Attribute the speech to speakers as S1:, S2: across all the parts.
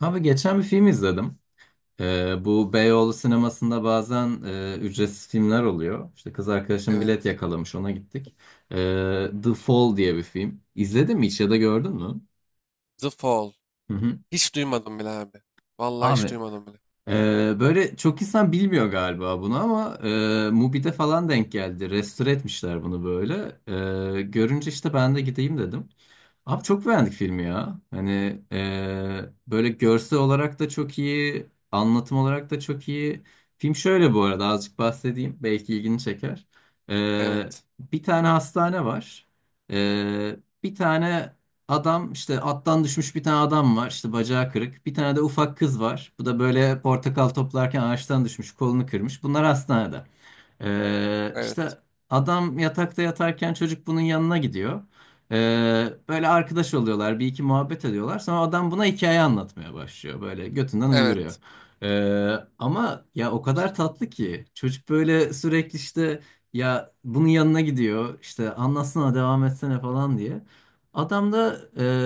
S1: Abi geçen bir film izledim. Bu Beyoğlu sinemasında bazen ücretsiz filmler oluyor. İşte kız arkadaşım bilet
S2: Evet.
S1: yakalamış, ona gittik. The Fall diye bir film. İzledin mi hiç ya da gördün mü?
S2: The Fall.
S1: Hı hı.
S2: Hiç duymadım bile abi. Vallahi hiç
S1: Abi
S2: duymadım bile.
S1: e, böyle çok insan bilmiyor galiba bunu ama Mubi'de falan denk geldi. Restore etmişler bunu böyle. Görünce işte ben de gideyim dedim. Abi çok beğendik filmi ya. Hani böyle görsel olarak da çok iyi, anlatım olarak da çok iyi. Film şöyle bu arada azıcık bahsedeyim. Belki ilgini çeker. Eee,
S2: Evet.
S1: Bir tane hastane var. Eee, Bir tane adam işte attan düşmüş bir tane adam var. İşte bacağı kırık. Bir tane de ufak kız var. Bu da böyle portakal toplarken ağaçtan düşmüş, kolunu kırmış. Bunlar hastanede.
S2: Evet.
S1: İşte adam yatakta yatarken çocuk bunun yanına gidiyor. Böyle arkadaş oluyorlar, bir iki muhabbet ediyorlar. Sonra adam buna hikaye anlatmaya başlıyor. Böyle götünden uyduruyor.
S2: Evet.
S1: Ee, Ama ya o kadar tatlı ki çocuk böyle sürekli işte ya bunun yanına gidiyor. İşte anlatsana devam etsene falan diye. Adam da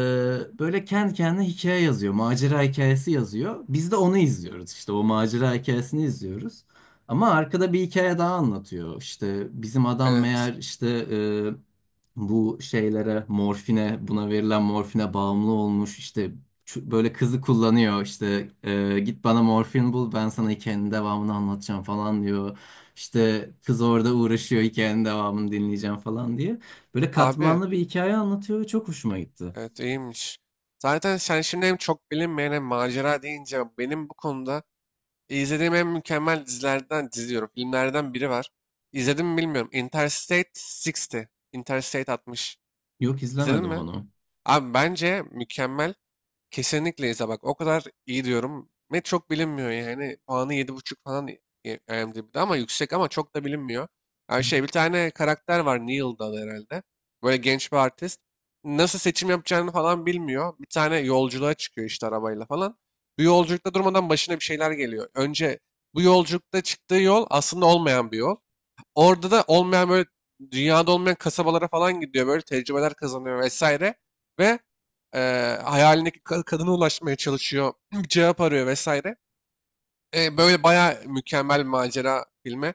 S1: böyle kendi kendine hikaye yazıyor. Macera hikayesi yazıyor. Biz de onu izliyoruz. İşte o macera hikayesini izliyoruz. Ama arkada bir hikaye daha anlatıyor. İşte bizim adam
S2: Evet.
S1: meğer işte bu şeylere morfine buna verilen morfine bağımlı olmuş işte böyle kızı kullanıyor işte git bana morfin bul, ben sana hikayenin devamını anlatacağım falan diyor. İşte kız orada uğraşıyor hikayenin devamını dinleyeceğim falan diye. Böyle
S2: Abi.
S1: katmanlı bir hikaye anlatıyor ve çok hoşuma gitti.
S2: Evet, iyiymiş. Zaten sen şimdi hem çok bilinmeyen hem macera deyince benim bu konuda izlediğim en mükemmel dizilerden diziyorum. Filmlerden biri var. İzledim mi bilmiyorum. Interstate 60. Interstate 60.
S1: Yok,
S2: İzledin
S1: izlemedim
S2: mi?
S1: onu.
S2: Abi bence mükemmel. Kesinlikle İza bak o kadar iyi diyorum. Ve çok bilinmiyor yani. Puanı yedi buçuk falan IMDb'de ama yüksek ama çok da bilinmiyor.
S1: Hı
S2: Yani şey, bir tane karakter var, Neil'da adı herhalde. Böyle genç bir artist. Nasıl seçim yapacağını falan bilmiyor. Bir tane yolculuğa çıkıyor işte arabayla falan. Bu yolculukta durmadan başına bir şeyler geliyor. Önce bu yolculukta çıktığı yol aslında olmayan bir yol. Orada da olmayan, böyle dünyada olmayan kasabalara falan gidiyor, böyle tecrübeler kazanıyor vesaire ve hayalindeki kadına ulaşmaya çalışıyor, bir cevap arıyor vesaire. Böyle bayağı mükemmel bir macera filmi.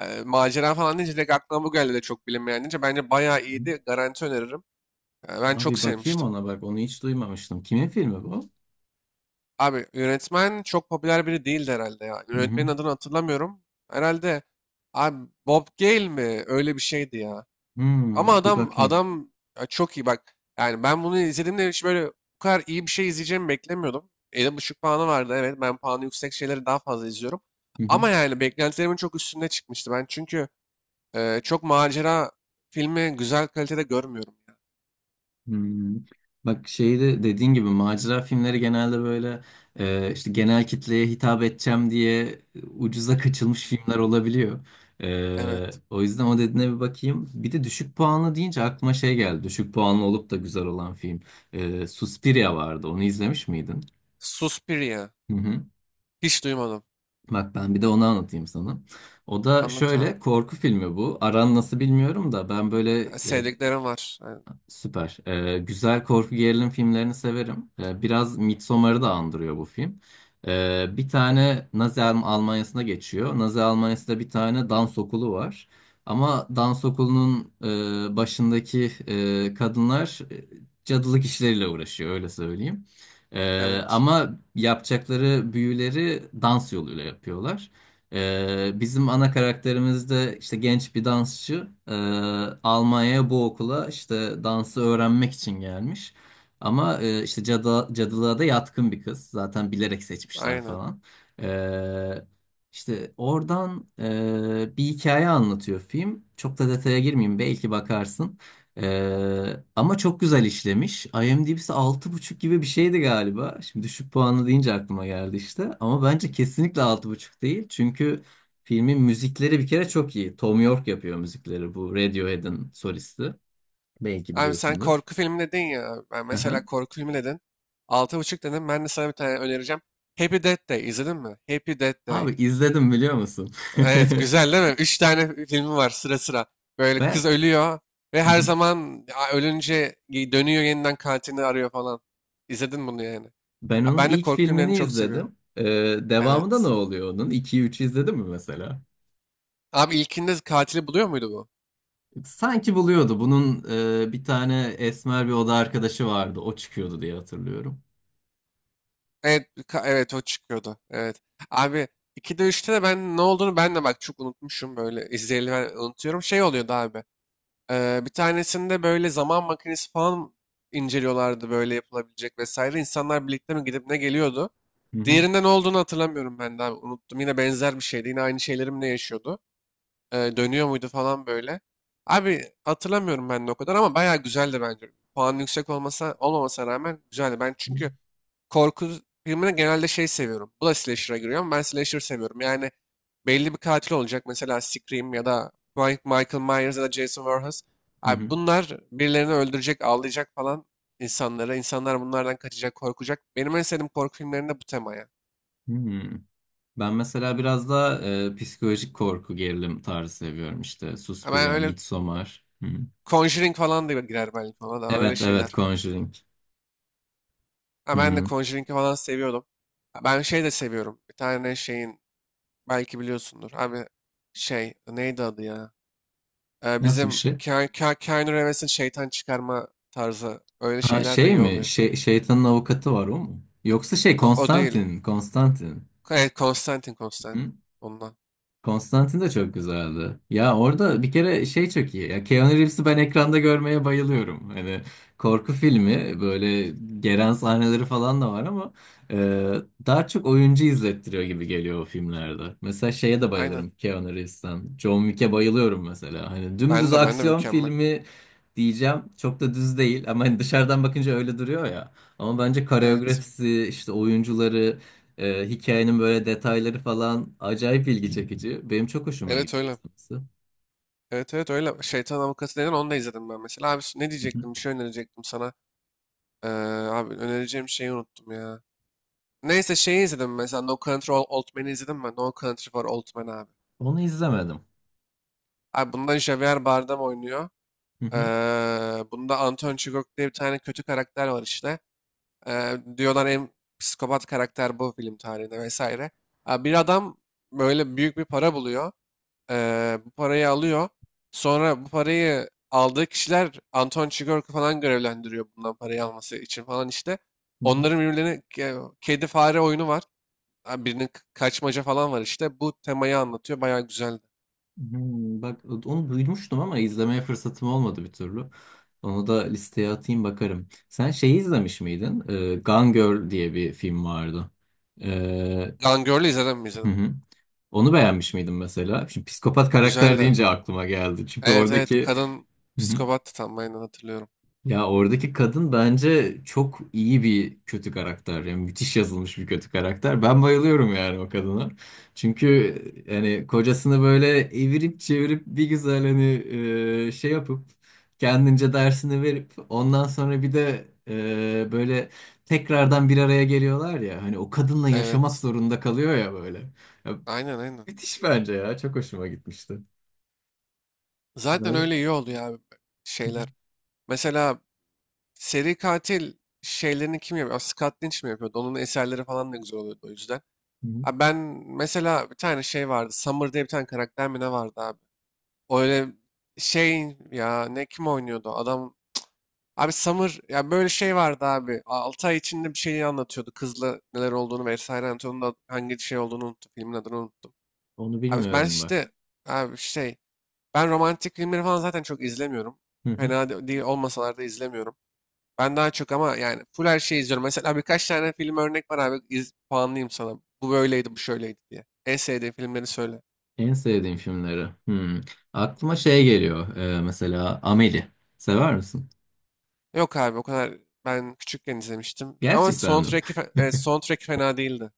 S2: Macera falan deyince direkt aklıma bu geldi de, çok bilinmeyen deyince bence bayağı
S1: hı.
S2: iyiydi, garanti öneririm. Ben çok
S1: Abi bakayım
S2: sevmiştim.
S1: ona, bak onu hiç duymamıştım. Kimin filmi bu?
S2: Abi yönetmen çok popüler biri değildi herhalde ya.
S1: Hı hı.
S2: Yönetmenin adını hatırlamıyorum. Herhalde abi Bob Gale mi? Öyle bir şeydi ya. Ama
S1: Hmm, bir
S2: adam
S1: bakayım.
S2: adam ya çok iyi bak. Yani ben bunu izlediğimde hiç böyle bu kadar iyi bir şey izleyeceğimi beklemiyordum. 7,5 puanı vardı, evet. Ben puanı yüksek şeyleri daha fazla izliyorum.
S1: Hı hı.
S2: Ama yani beklentilerimin çok üstünde çıkmıştı. Ben çünkü çok macera filmi güzel kalitede görmüyorum.
S1: Hmm. Bak şeyi de dediğin gibi macera filmleri genelde böyle işte genel kitleye hitap edeceğim diye ucuza kaçılmış filmler olabiliyor.
S2: Evet.
S1: O yüzden o dediğine bir bakayım. Bir de düşük puanlı deyince aklıma şey geldi. Düşük puanlı olup da güzel olan film. Suspiria vardı. Onu izlemiş miydin?
S2: Suspiria.
S1: Hı hı.
S2: Hiç duymadım.
S1: Bak ben bir de onu anlatayım sana. O da
S2: Anlat abi.
S1: şöyle korku filmi bu. Aran nasıl bilmiyorum da ben böyle
S2: Ha,
S1: ya.
S2: sevdiklerim var. Ha.
S1: Süper. Güzel korku gerilim filmlerini severim. Biraz Midsommar'ı da andırıyor bu film. Bir tane Nazi Almanya'sına geçiyor. Nazi Almanya'sında bir tane dans okulu var. Ama dans okulunun başındaki kadınlar cadılık işleriyle uğraşıyor, öyle söyleyeyim.
S2: Evet.
S1: Ama yapacakları büyüleri dans yoluyla yapıyorlar. Bizim ana karakterimiz de işte genç bir dansçı. Almanya'ya bu okula işte dansı öğrenmek için gelmiş. Ama işte cadı, cadılığa da yatkın bir kız. Zaten bilerek seçmişler
S2: Aynen.
S1: falan. Ee, işte oradan bir hikaye anlatıyor film. Çok da detaya girmeyeyim, belki bakarsın. Ama çok güzel işlemiş. IMDb'si altı buçuk gibi bir şeydi galiba. Şimdi düşük puanlı deyince aklıma geldi işte. Ama bence kesinlikle altı buçuk değil. Çünkü filmin müzikleri bir kere çok iyi. Tom York yapıyor müzikleri, bu Radiohead'in solisti. Belki
S2: Abi sen
S1: biliyorsundur.
S2: korku filmi dedin ya. Ben
S1: Aha.
S2: mesela korku filmi dedin. Altı buçuk dedim. Ben de sana bir tane önereceğim. Happy Death Day. İzledin mi? Happy Death
S1: Abi
S2: Day.
S1: izledim, biliyor musun?
S2: Evet, güzel değil mi? 3 tane filmi var sıra sıra. Böyle kız
S1: Ben
S2: ölüyor ve
S1: Hı
S2: her
S1: hı.
S2: zaman ölünce dönüyor, yeniden katilini arıyor falan. İzledin bunu yani.
S1: Ben
S2: Ha,
S1: onun
S2: ben de
S1: ilk
S2: korku filmlerini
S1: filmini
S2: çok seviyorum.
S1: izledim. Devamında ne
S2: Evet.
S1: oluyor onun? 2'yi 3'ü izledin mi mesela?
S2: Abi ilkinde katili buluyor muydu bu?
S1: Sanki buluyordu. Bunun bir tane esmer bir oda arkadaşı vardı. O çıkıyordu diye hatırlıyorum.
S2: Evet, evet o çıkıyordu. Evet. Abi 2'de üçte de ben ne olduğunu, ben de bak çok unutmuşum, böyle izleyeli ben unutuyorum. Şey oluyordu abi. Bir tanesinde böyle zaman makinesi falan inceliyorlardı, böyle yapılabilecek vesaire. İnsanlar birlikte mi gidip ne geliyordu.
S1: Hı hı.
S2: Diğerinde ne olduğunu hatırlamıyorum ben de abi, unuttum. Yine benzer bir şeydi. Yine aynı şeyleri ne yaşıyordu. Dönüyor muydu falan böyle. Abi hatırlamıyorum ben de o kadar, ama bayağı güzeldi bence. Puan yüksek olmasa olmamasına rağmen güzeldi. Ben çünkü korku filmine genelde şey seviyorum. Bu da slasher'a giriyor, ama ben slasher seviyorum. Yani belli bir katil olacak. Mesela Scream ya da Michael Myers ya da Jason Voorhees.
S1: Hı
S2: Abi
S1: hı.
S2: bunlar birilerini öldürecek, ağlayacak falan insanlara. İnsanlar bunlardan kaçacak, korkacak. Benim en sevdiğim korku filmlerinde bu temaya.
S1: Hı. Ben mesela biraz daha psikolojik korku gerilim tarzı seviyorum işte.
S2: Hemen
S1: Suspiria,
S2: öyle
S1: Midsommar. Hı hı.
S2: Conjuring falan da girer belki, ona da öyle
S1: Evet evet,
S2: şeyler.
S1: Conjuring.
S2: Ha,
S1: Hı.
S2: ben de
S1: hı.
S2: Conjuring'i falan seviyordum. Ha, ben şey de seviyorum. Bir tane şeyin belki biliyorsundur. Abi şey neydi adı ya?
S1: Nasıl bir
S2: Bizim
S1: şey?
S2: Keanu Reeves'in şeytan çıkarma tarzı öyle
S1: Ha,
S2: şeyler de
S1: şey
S2: iyi
S1: mi?
S2: oluyor.
S1: Şey, şeytanın avukatı var, o mu? Yoksa şey,
S2: Yok, o değil.
S1: Konstantin, Konstantin.
S2: Evet, Konstantin, Konstantin.
S1: Hı?
S2: Ondan.
S1: Konstantin de çok güzeldi. Ya orada bir kere şey çok iyi. Ya Keanu Reeves'i ben ekranda görmeye bayılıyorum. Hani korku filmi böyle geren sahneleri falan da var ama e, daha çok oyuncu izlettiriyor gibi geliyor o filmlerde. Mesela şeye de
S2: Aynen.
S1: bayılırım Keanu Reeves'ten. John Wick'e bayılıyorum mesela. Hani dümdüz
S2: Ben de
S1: aksiyon
S2: mükemmel.
S1: filmi diyeceğim. Çok da düz değil ama hani dışarıdan bakınca öyle duruyor ya. Ama bence
S2: Evet.
S1: koreografisi, işte oyuncuları, hikayenin böyle detayları falan acayip ilgi çekici. Benim çok hoşuma
S2: Evet
S1: gidiyor
S2: öyle.
S1: izlemesi.
S2: Evet evet öyle. Şeytan Avukatı denen onu da izledim ben mesela. Abi ne
S1: Hı hı.
S2: diyecektim? Bir şey önerecektim sana. Ee, Abi önereceğim şeyi unuttum ya. Neyse, şeyi izledim mesela, No Country for Old Men'i izledim ben. No Country for Old Men abi.
S1: Onu izlemedim.
S2: Abi bunda Javier Bardem oynuyor.
S1: Hı
S2: Ee,
S1: hı,
S2: Bunda Anton Chigurh diye bir tane kötü karakter var işte. Diyorlar en psikopat karakter bu film tarihinde vesaire. Abi bir adam böyle büyük bir para buluyor. Bu parayı alıyor. Sonra bu parayı aldığı kişiler Anton Chigurh'u falan görevlendiriyor bundan parayı alması için falan işte.
S1: hı hı.
S2: Onların birbirlerine kedi fare oyunu var. Abi birinin kaçmaca falan var işte. Bu temayı anlatıyor. Bayağı güzeldi.
S1: Hmm, bak onu duymuştum ama izlemeye fırsatım olmadı bir türlü. Onu da listeye atayım, bakarım. Sen şeyi izlemiş miydin? Gone Girl diye bir film vardı. Ee,
S2: Gone Girl'ü izledin mi,
S1: hı
S2: izledim.
S1: hı. Onu beğenmiş miydin mesela? Şimdi psikopat karakter
S2: Güzeldi.
S1: deyince aklıma geldi. Çünkü
S2: Evet evet,
S1: oradaki
S2: kadın psikopattı tam, aynen hatırlıyorum.
S1: ya oradaki kadın bence çok iyi bir kötü karakter. Yani müthiş yazılmış bir kötü karakter. Ben bayılıyorum yani o kadına. Çünkü yani kocasını böyle evirip çevirip bir güzel hani şey yapıp kendince dersini verip ondan sonra bir de böyle tekrardan bir araya geliyorlar ya. Hani o kadınla yaşamak
S2: Evet.
S1: zorunda kalıyor ya böyle. Ya,
S2: Aynen aynen.
S1: müthiş bence ya. Çok hoşuma gitmişti.
S2: Zaten
S1: Böyle.
S2: öyle iyi oluyor abi
S1: Hı hı.
S2: şeyler. Mesela seri katil şeylerini kim yapıyor? Aa, Scott Lynch mi yapıyordu? Onun eserleri falan da güzel oluyordu o yüzden.
S1: Hı hı.
S2: Abi ben mesela bir tane şey vardı. Summer diye bir tane karakter mi ne vardı abi? O öyle şey ya, ne, kim oynuyordu? Adam, abi Summer ya, böyle şey vardı abi. 6 ay içinde bir şeyi anlatıyordu. Kızla neler olduğunu vesaire anlatıyordu. Onun da hangi şey olduğunu unuttum. Filmin adını unuttum.
S1: Onu
S2: Abi ben
S1: bilmiyorum
S2: işte
S1: bak.
S2: abi şey, ben romantik filmleri falan zaten çok izlemiyorum. Fena değil olmasalar da izlemiyorum. Ben daha çok, ama yani full her şeyi izliyorum. Mesela birkaç tane film örnek var abi. İz, puanlayayım sana. Bu böyleydi, bu şöyleydi diye. En sevdiğin filmleri söyle.
S1: En sevdiğim filmleri. Hmm. Aklıma şey geliyor. Mesela Amelie. Sever misin?
S2: Yok abi o kadar, ben küçükken izlemiştim. Ama
S1: Gerçekten mi?
S2: soundtrack'i, soundtrack fena değildi.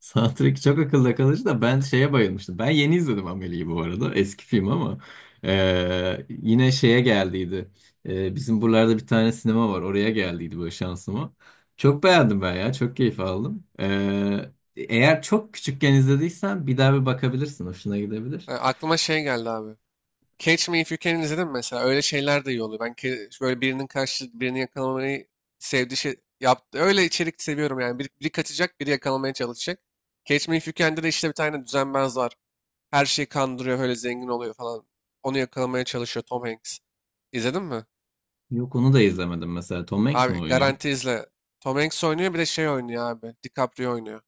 S1: Soundtrack çok akılda kalıcı da ben şeye bayılmıştım. Ben yeni izledim Amelie'yi bu arada. Eski film ama. Yine şeye geldiydi. Bizim buralarda bir tane sinema var. Oraya geldiydi böyle şansıma. Çok beğendim ben ya. Çok keyif aldım. Eğer çok küçükken izlediysen bir daha bir bakabilirsin. Hoşuna gidebilir.
S2: Aklıma şey geldi abi. Catch Me If You Can'i izledim mesela. Öyle şeyler de iyi oluyor. Ben böyle birinin karşı birini yakalamayı sevdiği şey yaptı. Öyle içerik seviyorum yani. Biri, biri kaçacak, biri yakalamaya çalışacak. Catch Me If You Can'de de işte bir tane düzenbaz var. Her şeyi kandırıyor, öyle zengin oluyor falan. Onu yakalamaya çalışıyor Tom Hanks. İzledin mi?
S1: Yok, onu da izlemedim mesela. Tom Hanks mi
S2: Abi
S1: oynuyor?
S2: garanti izle. Tom Hanks oynuyor, bir de şey oynuyor abi. DiCaprio oynuyor.